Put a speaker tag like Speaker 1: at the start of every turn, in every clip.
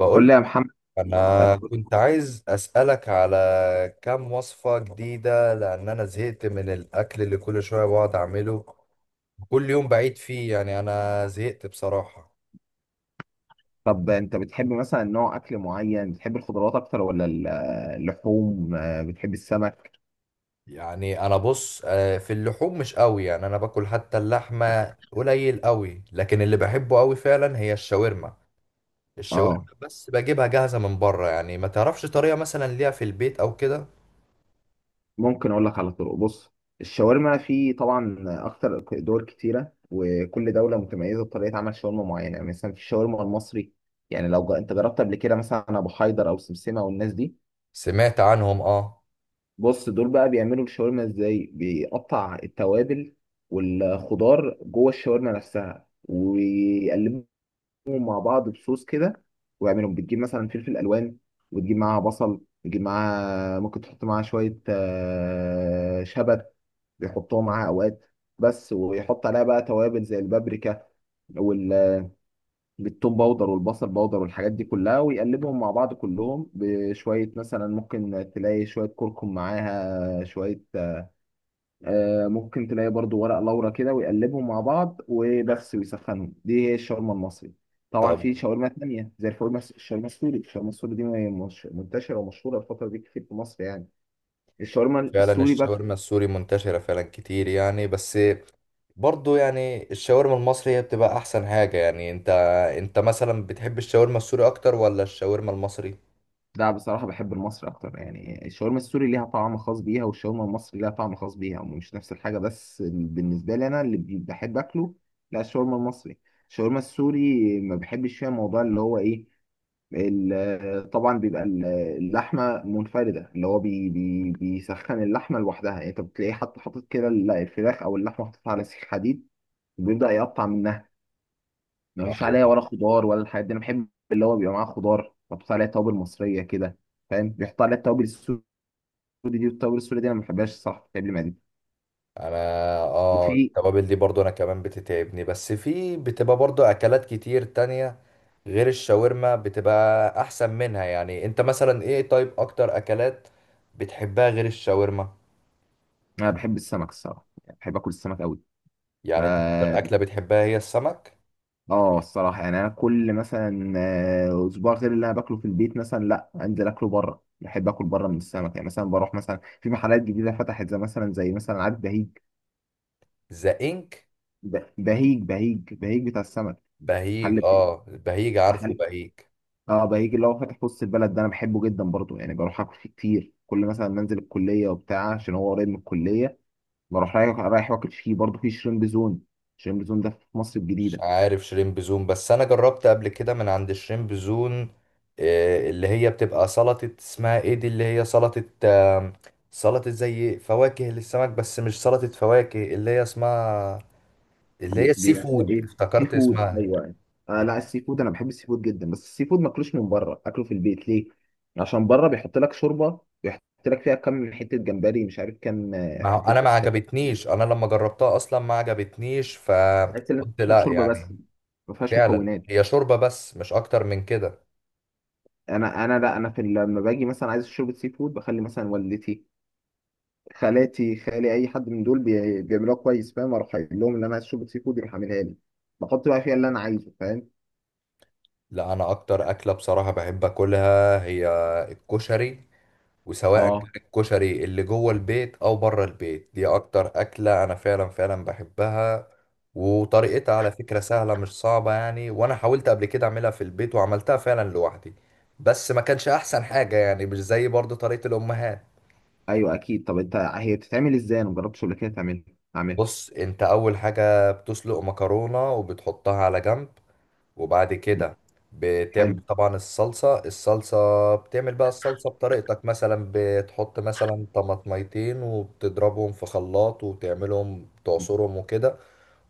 Speaker 1: بقول
Speaker 2: قول
Speaker 1: لك،
Speaker 2: لي يا محمد.
Speaker 1: انا كنت عايز اسالك على كام وصفه جديده لان انا زهقت من الاكل اللي كل شويه بقعد اعمله كل يوم بعيد فيه. يعني انا زهقت بصراحه.
Speaker 2: طب انت بتحب مثلا نوع اكل معين؟ بتحب الخضروات اكتر ولا اللحوم؟ بتحب السمك؟
Speaker 1: يعني انا بص، في اللحوم مش قوي، يعني انا باكل حتى اللحمه قليل قوي، لكن اللي بحبه قوي فعلا هي الشاورما
Speaker 2: اه،
Speaker 1: بس بجيبها جاهزه من بره، يعني ما تعرفش طريقه مثلا ليها في البيت او كده.
Speaker 2: ممكن اقول لك على طرق. بص، الشاورما في طبعا اكتر دول كتيره، وكل دوله متميزه بطريقه عمل شاورما معينه. يعني مثلا في الشاورما المصري. يعني انت جربت قبل كده مثلا ابو حيدر او سمسمه والناس دي.
Speaker 1: سمعت عنهم، اه.
Speaker 2: بص، دول بقى بيعملوا الشاورما ازاي؟ بيقطع التوابل والخضار جوه الشاورما نفسها، ويقلبوا مع بعض بصوص كده. واعملهم بتجيب مثلا فلفل الوان، وتجيب معاها بصل، وتجيب معاها ممكن تحط معاها شويه شبت، بيحطوها معاها اوقات. بس ويحط عليها بقى توابل زي البابريكا والثوم باودر والبصل باودر والحاجات دي كلها، ويقلبهم مع بعض كلهم بشويه. مثلا ممكن تلاقي شويه كركم معاها شويه، ممكن تلاقي برضو ورق لورا كده، ويقلبهم مع بعض وبس ويسخنهم. دي هي الشاورما المصري. طبعا
Speaker 1: طب
Speaker 2: في شاورما تانية زي الشاورما السوري. الشاورما السوري دي مش... منتشرة ومشهورة الفترة دي كتير في مصر يعني. الشاورما
Speaker 1: فعلا
Speaker 2: السوري بقى،
Speaker 1: الشاورما السوري منتشرة فعلا كتير يعني، بس برضو يعني الشاورما المصري هي بتبقى أحسن حاجة. يعني أنت مثلا بتحب الشاورما السوري أكتر ولا الشاورما المصري؟
Speaker 2: لا بصراحة بحب المصري أكتر. يعني الشاورما السوري ليها طعم خاص بيها، والشاورما المصري ليها طعم خاص بيها، مش نفس الحاجة. بس بالنسبة لي أنا اللي بحب أكله، لا الشاورما المصري. الشاورما السوري ما بحبش فيها موضوع اللي هو إيه؟ طبعا بيبقى اللحمه منفرده، اللي هو بي بي بيسخن اللحمه لوحدها. يعني انت بتلاقيه حتى حاطط كده الفراخ او اللحمه حاططها على سيخ حديد، وبيبدا يقطع منها. مفيش
Speaker 1: أيوة.
Speaker 2: عليها ولا خضار ولا الحاجات دي. انا بحب اللي هو بيبقى معاه خضار، بحط عليها توابل مصريه كده. فاهم؟ بيحط عليها التوابل السوري دي، والتوابل السوري دي انا ما بحبهاش الصراحه، بتعمل لي معدتي.
Speaker 1: أنا آه
Speaker 2: وفي.
Speaker 1: التوابل دي برضو أنا كمان بتتعبني، بس في بتبقى برضو أكلات كتير تانية غير الشاورما بتبقى أحسن منها. يعني أنت مثلا إيه طيب أكتر أكلات بتحبها غير الشاورما؟
Speaker 2: انا بحب السمك الصراحه، يعني بحب اكل السمك قوي.
Speaker 1: يعني أنت أكتر أكلة بتحبها هي السمك؟
Speaker 2: اه الصراحه، يعني انا كل مثلا اسبوع غير اللي انا باكله في البيت، مثلا لا انزل اكله بره. بحب اكل بره من السمك. يعني مثلا بروح مثلا في محلات جديده فتحت، زي مثلا زي مثلا عارف بهيج؟
Speaker 1: ذا إنك؟
Speaker 2: بهيج بتاع السمك.
Speaker 1: بهيج،
Speaker 2: محل بهيج.
Speaker 1: اه، بهيج، عارفه
Speaker 2: محل،
Speaker 1: بهيج.
Speaker 2: اه بهيج اللي هو فاتح في وسط البلد ده، انا بحبه جدا برضه. يعني بروح اكل فيه كتير، كل مثلا منزل الكليه وبتاع عشان هو قريب من الكليه، بروح رايح رايح واكل فيه. برضه في شريمب زون، شريمب زون ده في مصر
Speaker 1: مش
Speaker 2: الجديده.
Speaker 1: عارف شريمب زون، بس انا جربت قبل كده من عند شريمب زون. اللي هي بتبقى سلطة اسمها ايه دي، اللي هي سلطة، سلطة زي فواكه للسمك بس مش سلطة فواكه، اللي هي اسمها اللي هي السي
Speaker 2: بيبقى فيها
Speaker 1: فود
Speaker 2: ايه؟ سي
Speaker 1: افتكرت
Speaker 2: فود،
Speaker 1: اسمها.
Speaker 2: ايوه. آه لا، السي فود انا بحب السي فود جدا، بس السي فود ما اكلوش من بره، اكله في البيت. ليه؟ عشان بره بيحط لك شوربه، بيحط لك فيها كام حته جمبري، مش عارف كام،
Speaker 1: ما هو
Speaker 2: حته
Speaker 1: انا ما
Speaker 2: ستك.
Speaker 1: عجبتنيش، انا لما جربتها اصلا ما عجبتنيش،
Speaker 2: تحس انك
Speaker 1: فقلت
Speaker 2: بتشرب
Speaker 1: لا
Speaker 2: شوربه بس،
Speaker 1: يعني.
Speaker 2: ما فيهاش
Speaker 1: فعلا
Speaker 2: مكونات.
Speaker 1: هي شوربة بس مش اكتر من كده.
Speaker 2: انا انا لا انا في لما باجي مثلا عايز شوربه سي فود، بخلي مثلا والدتي، خالاتي، خالي، اي حد من دول بيعملوها كويس. فاهم؟ اروح قايل لهم ان انا عايز شوربه سي فود، يروح عاملها لي، بحط بقى فيها اللي انا عايزه. فاهم؟
Speaker 1: لا، انا اكتر اكله بصراحه بحب اكلها هي الكشري. وسواء كان
Speaker 2: اه،
Speaker 1: الكشري اللي جوه البيت او بره البيت، دي اكتر اكله انا فعلا فعلا بحبها. وطريقتها على فكره سهله مش صعبه يعني، وانا حاولت قبل كده اعملها في البيت وعملتها فعلا لوحدي، بس ما كانش احسن حاجه يعني، مش زي برضه طريقه الامهات.
Speaker 2: ايوه اكيد. طب انت هي بتتعمل ازاي؟ انا مجربتش قبل كده تعملها، اعملها.
Speaker 1: بص، انت اول حاجه بتسلق مكرونه وبتحطها على جنب. وبعد
Speaker 2: مم.
Speaker 1: كده بتعمل
Speaker 2: حلو.
Speaker 1: طبعا الصلصة. الصلصة بتعمل بقى الصلصة بطريقتك، مثلا بتحط مثلا طماطميتين وبتضربهم في خلاط وتعملهم تعصرهم وكده.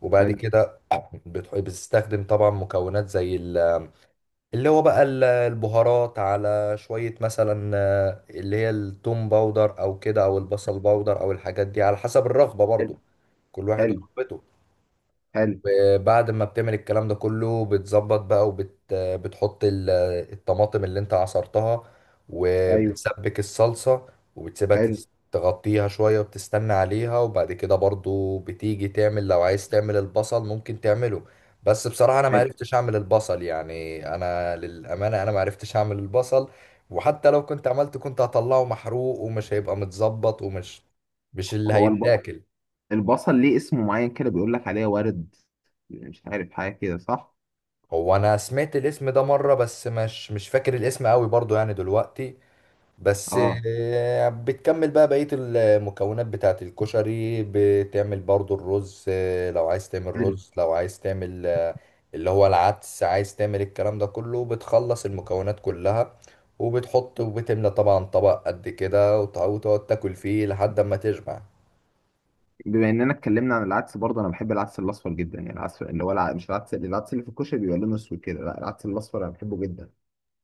Speaker 1: وبعد
Speaker 2: حلو.
Speaker 1: كده بتستخدم طبعا مكونات زي اللي هو بقى البهارات، على شوية مثلا اللي هي التوم باودر أو كده أو البصل باودر أو الحاجات دي على حسب الرغبة
Speaker 2: حلو.
Speaker 1: برضو، كل واحد
Speaker 2: حلو.
Speaker 1: ورغبته.
Speaker 2: حلو.
Speaker 1: بعد ما بتعمل الكلام ده كله بتظبط بقى، بتحط الطماطم اللي انت عصرتها،
Speaker 2: ايوه.
Speaker 1: وبتسبك الصلصة. وبتسيبها
Speaker 2: حلو.
Speaker 1: تغطيها شوية وبتستنى عليها. وبعد كده برضو بتيجي تعمل، لو عايز تعمل البصل ممكن تعمله، بس بصراحة انا ما
Speaker 2: حلو.
Speaker 1: عرفتش اعمل البصل. يعني انا للأمانة انا ما عرفتش اعمل البصل، وحتى لو كنت عملته كنت هطلعه محروق، ومش هيبقى متظبط، ومش مش اللي
Speaker 2: هو
Speaker 1: هيتاكل.
Speaker 2: البصل ليه اسم معين كده، بيقول لك عليه ورد، مش عارف حاجه كده صح؟
Speaker 1: هو انا سمعت الاسم ده مره، بس مش فاكر الاسم قوي برضو يعني دلوقتي بس.
Speaker 2: اه.
Speaker 1: بتكمل بقى بقيه المكونات بتاعه الكشري، بتعمل برضو الرز، لو عايز تعمل
Speaker 2: حلو.
Speaker 1: رز، لو عايز تعمل، اللي هو العدس، عايز تعمل الكلام ده كله، بتخلص المكونات كلها، وبتحط وبتملى طبعا طبق قد كده، وتقعد تاكل فيه لحد ما تشبع.
Speaker 2: بما اننا اتكلمنا عن العدس، برضه انا بحب العدس الاصفر جدا. يعني العدس اللي هو مش العدس اللي في الكشري بيبقى لونه اسود كده، لا العدس الاصفر انا بحبه جدا.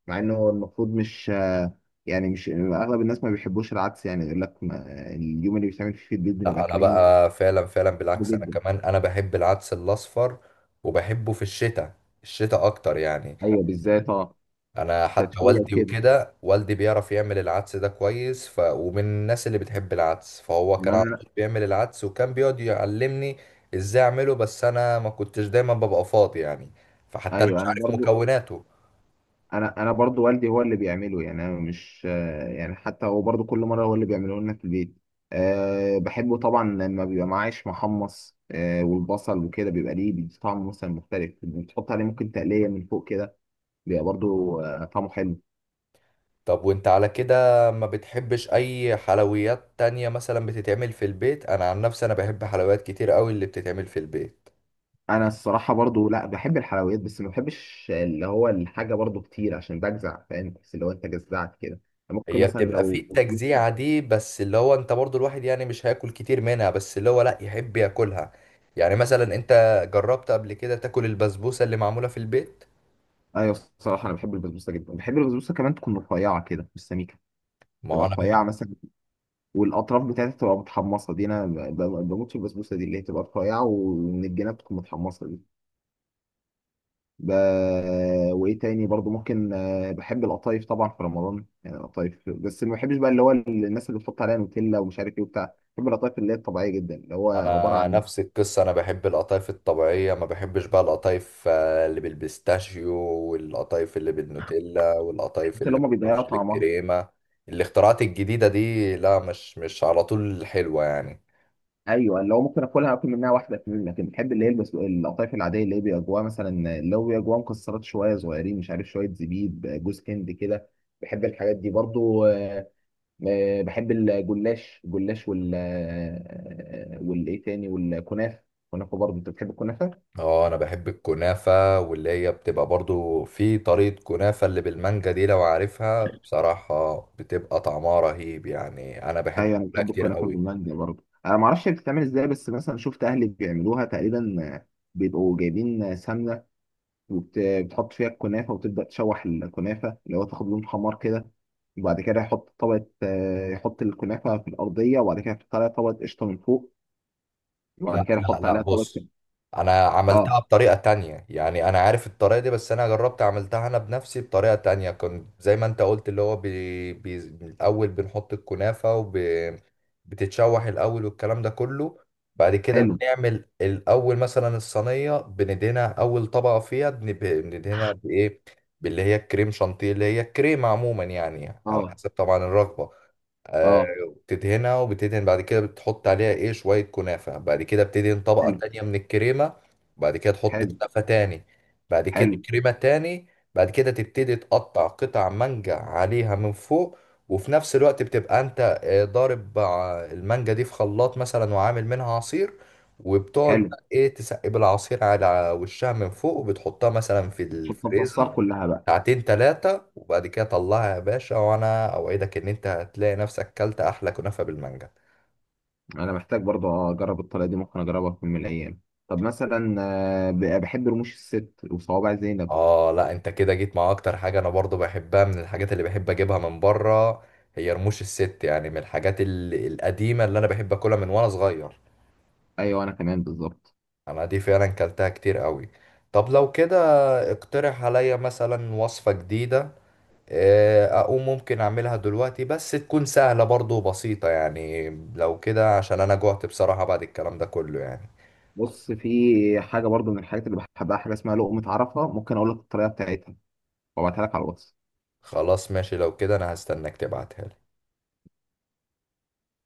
Speaker 2: مع انه هو المفروض مش، يعني مش اغلب الناس ما بيحبوش العدس، يعني يقول لك ما... اليوم اللي بيتعمل فيه في البيت
Speaker 1: لا،
Speaker 2: بنبقى
Speaker 1: انا
Speaker 2: كارهين.
Speaker 1: بقى فعلا فعلا
Speaker 2: بحبه
Speaker 1: بالعكس، انا
Speaker 2: جدا.
Speaker 1: كمان انا بحب العدس الاصفر، وبحبه في الشتاء، الشتاء اكتر يعني.
Speaker 2: ايوه بالذات اه.
Speaker 1: انا حتى
Speaker 2: تدفئه
Speaker 1: والدي
Speaker 2: كده.
Speaker 1: وكده، والدي بيعرف يعمل العدس ده كويس، ف... ومن الناس اللي بتحب العدس، فهو كان
Speaker 2: ما
Speaker 1: على
Speaker 2: انا.
Speaker 1: طول بيعمل العدس وكان بيقعد يعلمني ازاي اعمله، بس انا ما كنتش دايما ببقى فاضي يعني، فحتى انا
Speaker 2: ايوه.
Speaker 1: مش
Speaker 2: انا
Speaker 1: عارف
Speaker 2: برضو.
Speaker 1: مكوناته.
Speaker 2: انا برضو والدي هو اللي بيعمله. يعني انا مش، يعني حتى هو برضو كل مره هو اللي بيعمله لنا في البيت. أه بحبه طبعا لما بيبقى معاه عيش محمص، أه والبصل وكده بيبقى ليه بيدي طعم مثلا مختلف. بتحط عليه ممكن تقليه من فوق كده، بيبقى برضو طعمه حلو.
Speaker 1: طب وانت على كده ما بتحبش اي حلويات تانية مثلا بتتعمل في البيت؟ انا عن نفسي انا بحب حلويات كتير قوي اللي بتتعمل في البيت.
Speaker 2: انا الصراحه برضو لا بحب الحلويات، بس ما بحبش اللي هو الحاجه برضو كتير عشان بجزع، فاهم؟ بس اللي هو انت جزعت كده، ممكن
Speaker 1: هي
Speaker 2: مثلا
Speaker 1: بتبقى في
Speaker 2: لو
Speaker 1: التجزيعة دي، بس اللي هو انت برضو الواحد يعني مش هياكل كتير منها، بس اللي هو لا، يحب ياكلها. يعني مثلا انت جربت قبل كده تاكل البسبوسة اللي معمولة في البيت؟
Speaker 2: ايوه الصراحه انا بحب البسبوسه جدا، بحب البسبوسه كمان تكون رفيعه كده مش سميكه، تبقى
Speaker 1: ما انا
Speaker 2: رفيعه
Speaker 1: بحب.
Speaker 2: مثلا، والاطراف بتاعتها تبقى متحمصه دي، انا بموت في البسبوسه دي اللي هي تبقى رفيعه ومن الجناب تكون متحمصه دي. ب... وايه تاني؟ برضو ممكن، بحب القطايف طبعا في رمضان، يعني القطايف. بس ما بحبش بقى اللي هو الناس اللي بتحط عليها نوتيلا ومش عارف ايه وبتاع، بحب القطايف اللي هي الطبيعيه جدا اللي هو عباره
Speaker 1: انا
Speaker 2: عن.
Speaker 1: نفس القصة، انا بحب القطايف الطبيعية، ما بحبش بقى القطايف، اللي بالبيستاشيو، والقطايف اللي بالنوتيلا، والقطايف
Speaker 2: اللي
Speaker 1: اللي
Speaker 2: هم بيضيعوا
Speaker 1: معرفش
Speaker 2: طعمها.
Speaker 1: بالكريمة. الاختراعات الجديدة دي لا، مش على طول حلوة يعني.
Speaker 2: ايوه اللي هو ممكن اكلها، اكل منها واحده اتنين، لكن بحب اللي هي القطايف العاديه اللي هي بيبقى جواها مثلا، اللي هو بيبقى جواها مكسرات شويه صغيرين، مش عارف شويه زبيب، جوز هند كده. بحب الحاجات دي برضو. بحب الجلاش. والايه تاني، والكنافه. الكنافه برضو، انت بتحب الكنافه؟
Speaker 1: اه، انا بحب الكنافة، واللي هي بتبقى برضو في طريقة كنافة اللي بالمانجا دي لو عارفها، بصراحة بتبقى طعمها رهيب يعني، انا بحب
Speaker 2: ايوه انا
Speaker 1: اكلها
Speaker 2: بحب
Speaker 1: كتير
Speaker 2: الكنافه
Speaker 1: قوي.
Speaker 2: بالمانجا برضو. انا ما اعرفش بتتعمل ازاي، بس مثلا شفت اهلي بيعملوها تقريبا، بيبقوا جايبين سمنه، وبتحط فيها الكنافه، وتبدا تشوح الكنافه اللي هو تاخد لون حمار كده. وبعد كده يحط طبقه، يحط الكنافه في الارضيه، وبعد كده يحط عليها طبقه قشطه من فوق، وبعد
Speaker 1: لا
Speaker 2: كده
Speaker 1: لا
Speaker 2: يحط
Speaker 1: لا،
Speaker 2: عليها
Speaker 1: بص.
Speaker 2: طبقه.
Speaker 1: انا عملتها
Speaker 2: اه.
Speaker 1: بطريقة تانية، يعني انا عارف الطريقة دي، بس انا جربت عملتها انا بنفسي بطريقة تانية، كنت زي ما انت قلت، اللي هو بي بي الاول بنحط الكنافة، بتتشوح الاول والكلام ده كله. بعد كده
Speaker 2: حلو.
Speaker 1: بنعمل الاول مثلا الصينية بندهنها، اول طبقة فيها بندهنها بايه، باللي هي الكريم شانتيه، اللي هي الكريمة عموما يعني، على
Speaker 2: اه.
Speaker 1: حسب طبعا الرغبة. آه،
Speaker 2: اه.
Speaker 1: تدهنها، وبتدهن بعد كده بتحط عليها ايه شوية كنافة. بعد كده بتدهن طبقة
Speaker 2: حلو.
Speaker 1: تانية من الكريمة. بعد كده تحط
Speaker 2: حلو.
Speaker 1: كنافة تاني. بعد كده
Speaker 2: حلو.
Speaker 1: كريمة تاني. بعد كده تبتدي تقطع قطع مانجا عليها من فوق، وفي نفس الوقت بتبقى انت ضارب مع المانجا دي في خلاط مثلا وعامل منها عصير، وبتقعد
Speaker 2: حلو.
Speaker 1: بقى ايه تسقي بالعصير على وشها من فوق، وبتحطها مثلا في
Speaker 2: شفت الطاسات
Speaker 1: الفريزر
Speaker 2: كلها بقى.
Speaker 1: ساعتين تلاتة. وبعد كده طلعها يا باشا، وانا اوعدك ان انت هتلاقي نفسك كلت احلى كنافة بالمانجا.
Speaker 2: انا محتاج برضه اجرب الطريقه دي، ممكن اجربها في يوم من الايام. طب مثلا، بحب رموش الست وصوابع زينب.
Speaker 1: اه لا، انت كده جيت مع اكتر حاجة انا برضو بحبها من الحاجات اللي بحب اجيبها من بره، هي رموش الست. يعني من الحاجات القديمة اللي انا بحب اكلها من وانا صغير،
Speaker 2: ايوه انا كمان بالظبط.
Speaker 1: انا دي فعلا كلتها كتير قوي. طب لو كده اقترح عليا مثلا وصفة جديدة، اقوم ممكن اعملها دلوقتي، بس تكون سهلة برضو وبسيطة، يعني لو كده عشان انا جوعت بصراحة بعد الكلام ده كله يعني.
Speaker 2: بص في حاجه برضو من الحاجات اللي بحبها، حاجه اسمها لقمه عرفه. ممكن اقول لك الطريقه بتاعتها وابعتها لك على الواتس.
Speaker 1: خلاص، ماشي. لو كده انا هستناك تبعتها لي.